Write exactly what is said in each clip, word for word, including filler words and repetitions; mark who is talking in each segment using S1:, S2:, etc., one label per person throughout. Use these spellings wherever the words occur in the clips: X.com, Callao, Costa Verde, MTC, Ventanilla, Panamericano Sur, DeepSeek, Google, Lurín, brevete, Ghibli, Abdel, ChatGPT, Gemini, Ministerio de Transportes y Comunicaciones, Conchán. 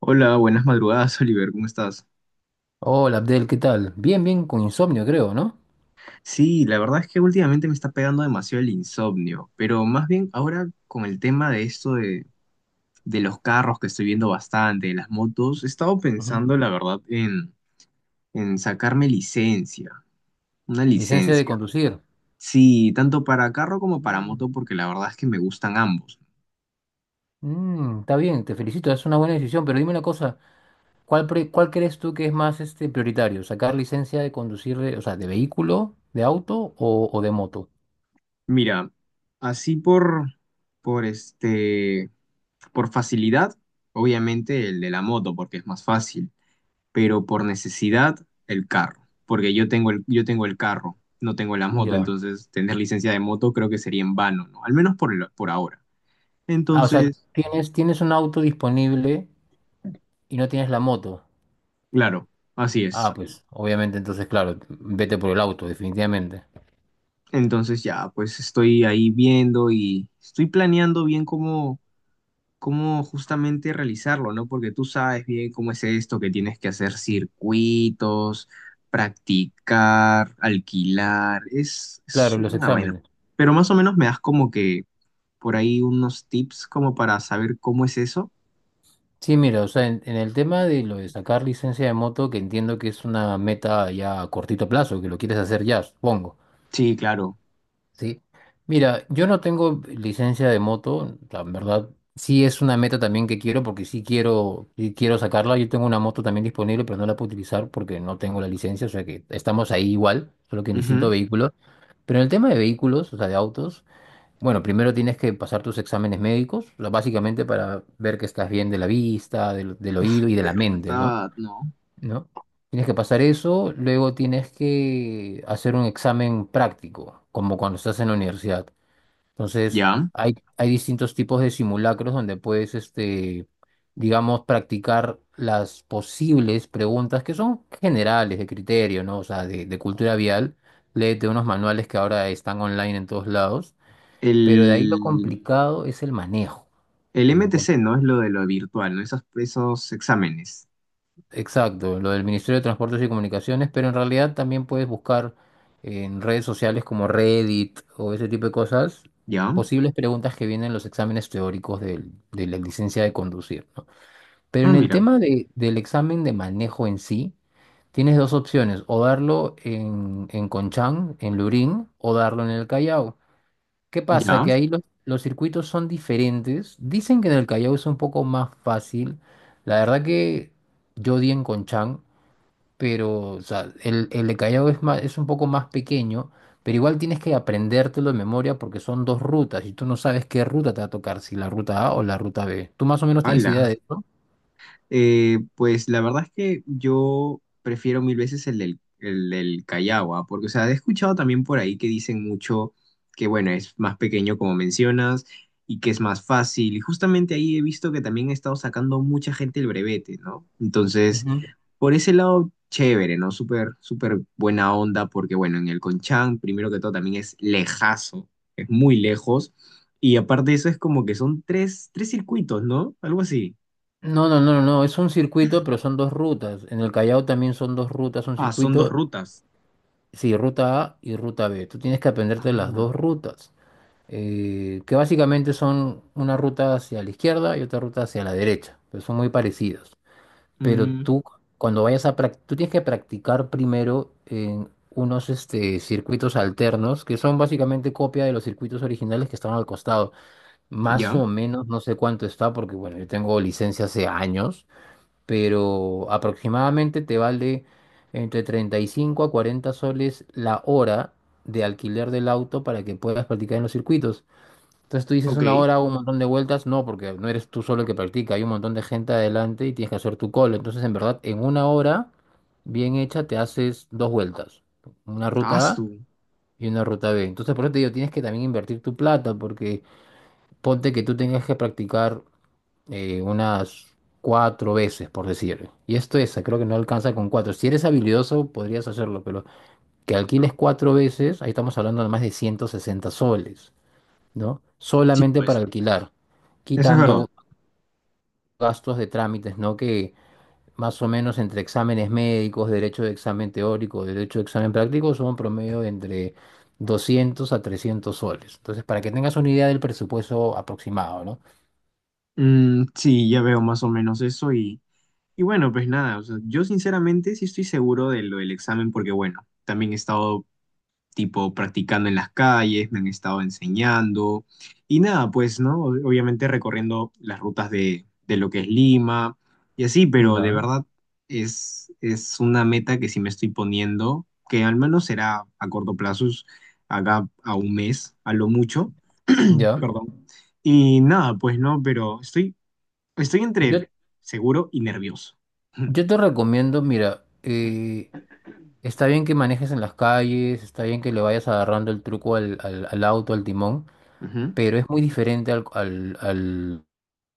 S1: Hola, buenas madrugadas, Oliver, ¿cómo estás?
S2: Hola Abdel, ¿qué tal? Bien, bien, con insomnio creo, ¿no?
S1: Sí, la verdad es que últimamente me está pegando demasiado el insomnio, pero más bien ahora con el tema de esto de, de los carros que estoy viendo bastante, de las motos, he estado
S2: Ujú.
S1: pensando, la verdad, en, en sacarme licencia, una
S2: Licencia de
S1: licencia.
S2: conducir.
S1: Sí, tanto para carro como para
S2: Mm,
S1: moto, porque la verdad es que me gustan ambos.
S2: mm, está bien, te felicito, es una buena decisión, pero dime una cosa, ¿cuál, pre- cuál crees tú que es más este, prioritario? ¿Sacar licencia de conducir, de- o sea, de vehículo, de auto o, o de moto?
S1: Mira, así por, por este, por facilidad, obviamente el de la moto, porque es más fácil. Pero por necesidad el carro, porque yo tengo el, yo tengo el carro, no tengo la
S2: Bueno,
S1: moto,
S2: ya.
S1: entonces tener licencia de moto creo que sería en vano, ¿no? Al menos por, el- por ahora.
S2: Ah, o sea,
S1: Entonces,
S2: tienes, tienes un auto disponible y no tienes la moto.
S1: claro, así
S2: Ah,
S1: es.
S2: pues, obviamente, entonces, claro, vete por el auto, definitivamente.
S1: Entonces ya, pues estoy ahí viendo y estoy planeando bien cómo, cómo justamente realizarlo, ¿no? Porque tú sabes bien cómo es esto, que tienes que hacer circuitos, practicar, alquilar, es, es
S2: Claro, los
S1: una vaina.
S2: exámenes.
S1: Pero más o menos me das como que por ahí unos tips como para saber cómo es eso.
S2: Sí, mira, o sea, en, en el tema de lo de sacar licencia de moto, que entiendo que es una meta ya a cortito plazo, que lo quieres hacer ya, supongo,
S1: Sí, claro.
S2: ¿sí? Mira, yo no tengo licencia de moto, la verdad, sí es una meta también que quiero, porque sí quiero, sí quiero sacarla. Yo tengo una moto también disponible, pero no la puedo utilizar porque no tengo la licencia, o sea que estamos ahí igual, solo que en distinto
S1: Ujú.
S2: vehículo. Pero en el tema de vehículos, o sea, de autos. Bueno, primero tienes que pasar tus exámenes médicos, o sea, básicamente para ver que estás bien de la vista, del, del oído y de la mente, ¿no?
S1: ¿Verdad? No.
S2: ¿No? Tienes que pasar eso, luego tienes que hacer un examen práctico, como cuando estás en la universidad. Entonces,
S1: Ya.
S2: hay, hay distintos tipos de simulacros donde puedes, este, digamos, practicar las posibles preguntas que son generales de criterio, ¿no? O sea, de, de cultura vial. Léete unos manuales que ahora están online en todos lados, pero de ahí lo
S1: El,
S2: complicado es el manejo,
S1: el
S2: ¿no? Por-
S1: M T C, ¿no? Es lo de lo virtual, ¿no? Esos, esos exámenes.
S2: exacto, lo del Ministerio de Transportes y Comunicaciones, pero en realidad también puedes buscar en redes sociales como Reddit o ese tipo de cosas,
S1: Ya.
S2: posibles preguntas que vienen en los exámenes teóricos del- de la licencia de conducir, ¿no? Pero
S1: Ah,
S2: en el
S1: mira.
S2: tema de- del examen de manejo en sí, tienes dos opciones, o darlo en, en Conchán, en Lurín, o darlo en el Callao. ¿Qué pasa?
S1: Ya.
S2: Que ahí los, los circuitos son diferentes. Dicen que en el Callao es un poco más fácil. La verdad que yo di en Conchán, pero o sea, el, el de Callao es más, es un poco más pequeño, pero igual tienes que aprendértelo de memoria porque son dos rutas y tú no sabes qué ruta te va a tocar, si la ruta A o la ruta B. ¿Tú más o menos tienes idea
S1: Hala.
S2: de eso?
S1: Eh, pues la verdad es que yo prefiero mil veces el del, el del Callao, ¿ah? Porque, o sea, he escuchado también por ahí que dicen mucho que, bueno, es más pequeño como mencionas y que es más fácil. Y justamente ahí he visto que también ha estado sacando mucha gente el brevete, ¿no? Entonces,
S2: Ujú.
S1: por ese lado, chévere, ¿no? Súper, súper buena onda, porque, bueno, en el Conchán, primero que todo, también es lejazo, es muy lejos. Y aparte de eso, es como que son tres, tres circuitos, ¿no? Algo así.
S2: No, no, no, no, no, es un circuito, pero son dos rutas. En el Callao también son dos rutas, un
S1: Ah, son dos
S2: circuito,
S1: rutas.
S2: sí, ruta A y ruta B. Tú tienes que aprenderte las
S1: Ah,
S2: dos rutas. Eh, que básicamente son una ruta hacia la izquierda y otra ruta hacia la derecha, pero son muy parecidos. Pero
S1: mm,
S2: tú, cuando vayas a practicar, tú tienes que practicar primero en unos este, circuitos alternos, que son básicamente copia de los circuitos originales que estaban al costado. Más o
S1: ya,
S2: menos, no sé cuánto está, porque bueno, yo tengo licencia hace años, pero aproximadamente te vale entre treinta y cinco a cuarenta soles la hora de alquiler del auto para que puedas practicar en los circuitos. Entonces tú dices
S1: ok.
S2: una hora, hago un montón de vueltas, no, porque no eres tú solo el que practica, hay un montón de gente adelante y tienes que hacer tu call. Entonces, en verdad, en una hora bien hecha te haces dos vueltas, una
S1: Ah,
S2: ruta A
S1: su.
S2: y una ruta B. Entonces, por eso te digo, tienes que también invertir tu plata, porque ponte que tú tengas que practicar eh, unas cuatro veces, por decir. Y esto es, creo que no alcanza con cuatro. Si eres habilidoso, podrías hacerlo, pero que alquiles cuatro veces, ahí estamos hablando de más de ciento sesenta soles. ¿No?
S1: Sí,
S2: Solamente para
S1: pues.
S2: alquilar,
S1: Eso es verdad.
S2: quitando gastos de trámites, ¿no? Que más o menos entre exámenes médicos, derecho de examen teórico, derecho de examen práctico, son promedio de entre doscientos a trescientos soles. Entonces, para que tengas una idea del presupuesto aproximado, ¿no?
S1: Mm, sí, ya veo más o menos eso y, y bueno, pues nada, o sea, yo sinceramente sí estoy seguro de lo del examen porque bueno, también he estado tipo practicando en las calles, me han estado enseñando y nada, pues, ¿no? Ob- Obviamente recorriendo las rutas de, de lo que es Lima y así, pero de
S2: Ya.
S1: verdad es, es una meta que sí me estoy poniendo, que al menos será a corto plazo, es acá a un mes, a lo mucho,
S2: Ya.
S1: perdón. Y nada, pues no, pero estoy, estoy
S2: Yo,
S1: entre seguro y nervioso.
S2: yo te recomiendo, mira, eh, está bien que manejes en las calles, está bien que le vayas agarrando el truco al, al, al auto, al timón,
S1: Ujú.
S2: pero es muy diferente al, al, al,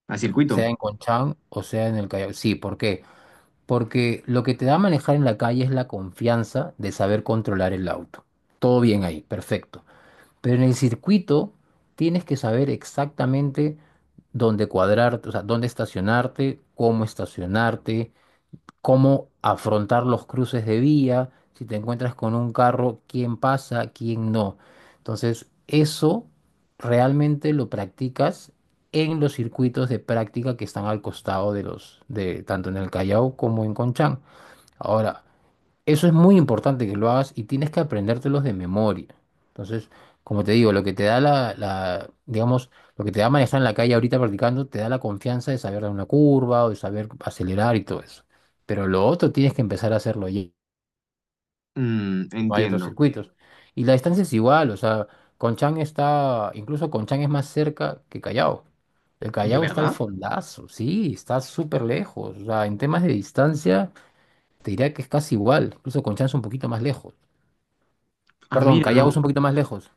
S1: A circuito.
S2: sea en Conchán o sea en el Callao. Sí, ¿por qué? Porque lo que te da manejar en la calle es la confianza de saber controlar el auto. Todo bien ahí, perfecto. Pero en el circuito tienes que saber exactamente dónde cuadrarte, o sea, dónde estacionarte, cómo estacionarte, cómo afrontar los cruces de vía, si te encuentras con un carro, quién pasa, quién no. Entonces, eso realmente lo practicas en los circuitos de práctica que están al costado de los, de tanto en el Callao como en Conchán. Ahora, eso es muy importante que lo hagas y tienes que aprendértelos de memoria. Entonces, como te digo, lo que te da la, la, digamos, lo que te da manejar en la calle ahorita practicando, te da la confianza de saber dar una curva o de saber acelerar y todo eso. Pero lo otro tienes que empezar a hacerlo y
S1: Mm,
S2: no hay otros
S1: entiendo.
S2: circuitos. Y la distancia es igual, o sea, Conchán está, incluso Conchán es más cerca que Callao. El
S1: ¿De
S2: Callao está al
S1: verdad?
S2: fondazo, sí, está súper lejos. O sea, en temas de distancia, te diría que es casi igual, incluso Conchán es un poquito más lejos.
S1: Ah,
S2: Perdón,
S1: mira,
S2: Callao
S1: no.
S2: es un poquito más lejos.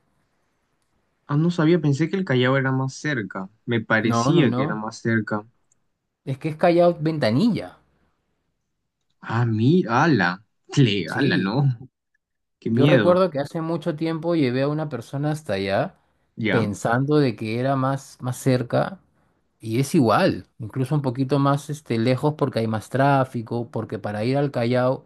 S1: Ah, no sabía, pensé que el Callao era más cerca. Me
S2: No, no,
S1: parecía que
S2: no.
S1: era más cerca.
S2: Es que es Callao Ventanilla.
S1: Ah, mira, ala. Tle, ala, no.
S2: Sí,
S1: Qué
S2: yo
S1: miedo.
S2: recuerdo que hace mucho tiempo llevé a una persona hasta allá
S1: ¿Ya?
S2: pensando de que era más, más cerca y es igual, incluso un poquito más este, lejos porque hay más tráfico, porque para ir al Callao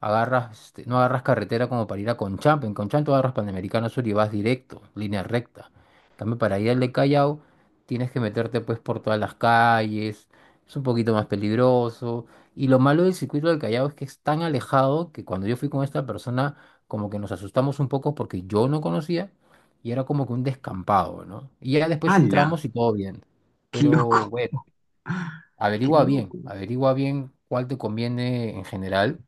S2: agarras, este, no agarras carretera como para ir a Conchamp, en Conchamp tú agarras Panamericano Sur y vas directo, línea recta. En cambio, para ir al de Callao tienes que meterte pues por todas las calles, es un poquito más peligroso. Y lo malo del circuito del Callao es que es tan alejado que cuando yo fui con esta persona como que nos asustamos un poco porque yo no conocía y era como que un descampado, ¿no? Y ya después
S1: Ala.
S2: entramos y todo bien.
S1: Qué
S2: Pero
S1: loco.
S2: bueno,
S1: Qué
S2: averigua bien,
S1: loco.
S2: averigua bien cuál te conviene en general,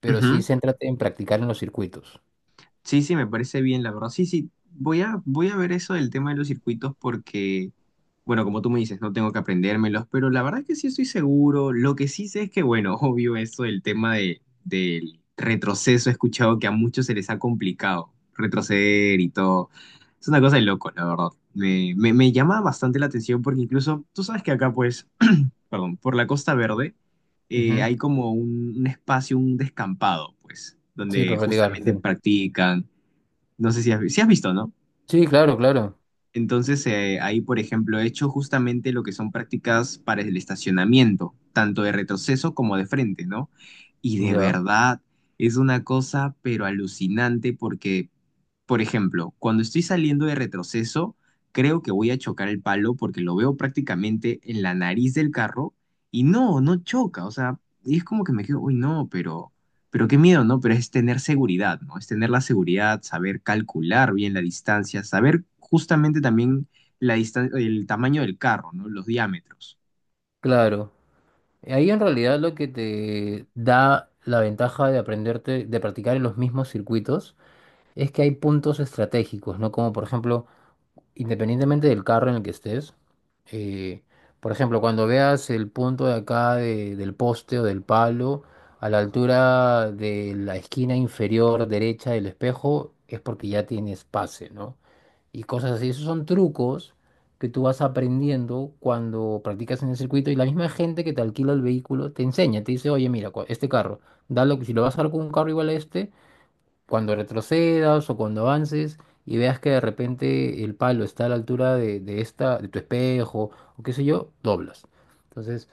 S2: pero sí
S1: Ujú.
S2: céntrate en practicar en los circuitos.
S1: Sí, sí, me parece bien, la verdad. Sí, sí, voy a, voy a ver eso del tema de los circuitos porque, bueno, como tú me dices, no tengo que aprendérmelos, pero la verdad es que sí estoy seguro. Lo que sí sé es que, bueno, obvio eso del tema de, del retroceso, he escuchado que a muchos se les ha complicado retroceder y todo. Es una cosa de loco, la verdad. Me, me, me llama bastante la atención porque incluso, tú sabes que acá, pues, perdón, por la Costa Verde. Eh,
S2: Ujú.
S1: hay como un, un espacio, un descampado, pues,
S2: Sí,
S1: donde
S2: para practicar, sí,
S1: justamente
S2: sí.
S1: practican. No sé si has, vi- sí has visto, ¿no?
S2: Sí, claro, claro.
S1: Entonces, eh, ahí, por ejemplo, he hecho justamente lo que son prácticas para el estacionamiento, tanto de retroceso como de frente, ¿no? Y de
S2: Ya,
S1: verdad, es una cosa, pero alucinante porque por ejemplo, cuando estoy saliendo de retroceso, creo que voy a chocar el palo porque lo veo prácticamente en la nariz del carro y no, no choca. O sea, y es como que me quedo, uy, no, pero, pero qué miedo, ¿no? Pero es tener seguridad, ¿no? Es tener la seguridad, saber calcular bien la distancia, saber justamente también la distan- el tamaño del carro, ¿no? Los diámetros.
S2: claro. Ahí en realidad lo que te da la ventaja de aprenderte, de practicar en los mismos circuitos, es que hay puntos estratégicos, ¿no? Como por ejemplo, independientemente del carro en el que estés, eh, por ejemplo, cuando veas el punto de acá de- del poste o del palo, a la altura de la esquina inferior derecha del espejo, es porque ya tienes pase, ¿no? Y cosas así. Esos son trucos que tú vas aprendiendo cuando practicas en el circuito y la misma gente que te alquila el vehículo te enseña, te dice, oye, mira, cua- este carro, dalo, si lo vas a dar con un carro igual a este, cuando retrocedas o cuando avances y veas que de repente el palo está a la altura de, de esta, de tu espejo o qué sé yo, doblas. Entonces,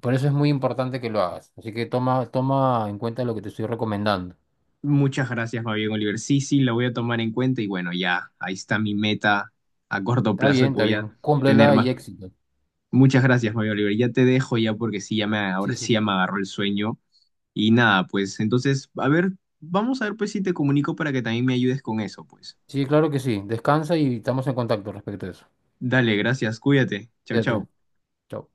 S2: por eso es muy importante que lo hagas. Así que toma, toma en cuenta lo que te estoy recomendando.
S1: Muchas gracias, Fabián Oliver. Sí, sí, lo voy a tomar en cuenta y bueno, ya, ahí está mi meta a corto
S2: Está
S1: plazo que
S2: bien, está
S1: voy a
S2: bien.
S1: tener
S2: Cúmplela
S1: más.
S2: y éxito.
S1: Muchas gracias, Mario Oliver. Ya te dejo ya porque sí, ya me,
S2: Sí,
S1: ahora
S2: sí,
S1: sí ya
S2: sí.
S1: me agarró el sueño. Y nada, pues entonces, a ver, vamos a ver pues si te comunico para que también me ayudes con eso, pues.
S2: Sí, claro que sí. Descansa y estamos en contacto respecto a eso.
S1: Dale, gracias, cuídate. Chau,
S2: Cuídate.
S1: chau.
S2: Chao.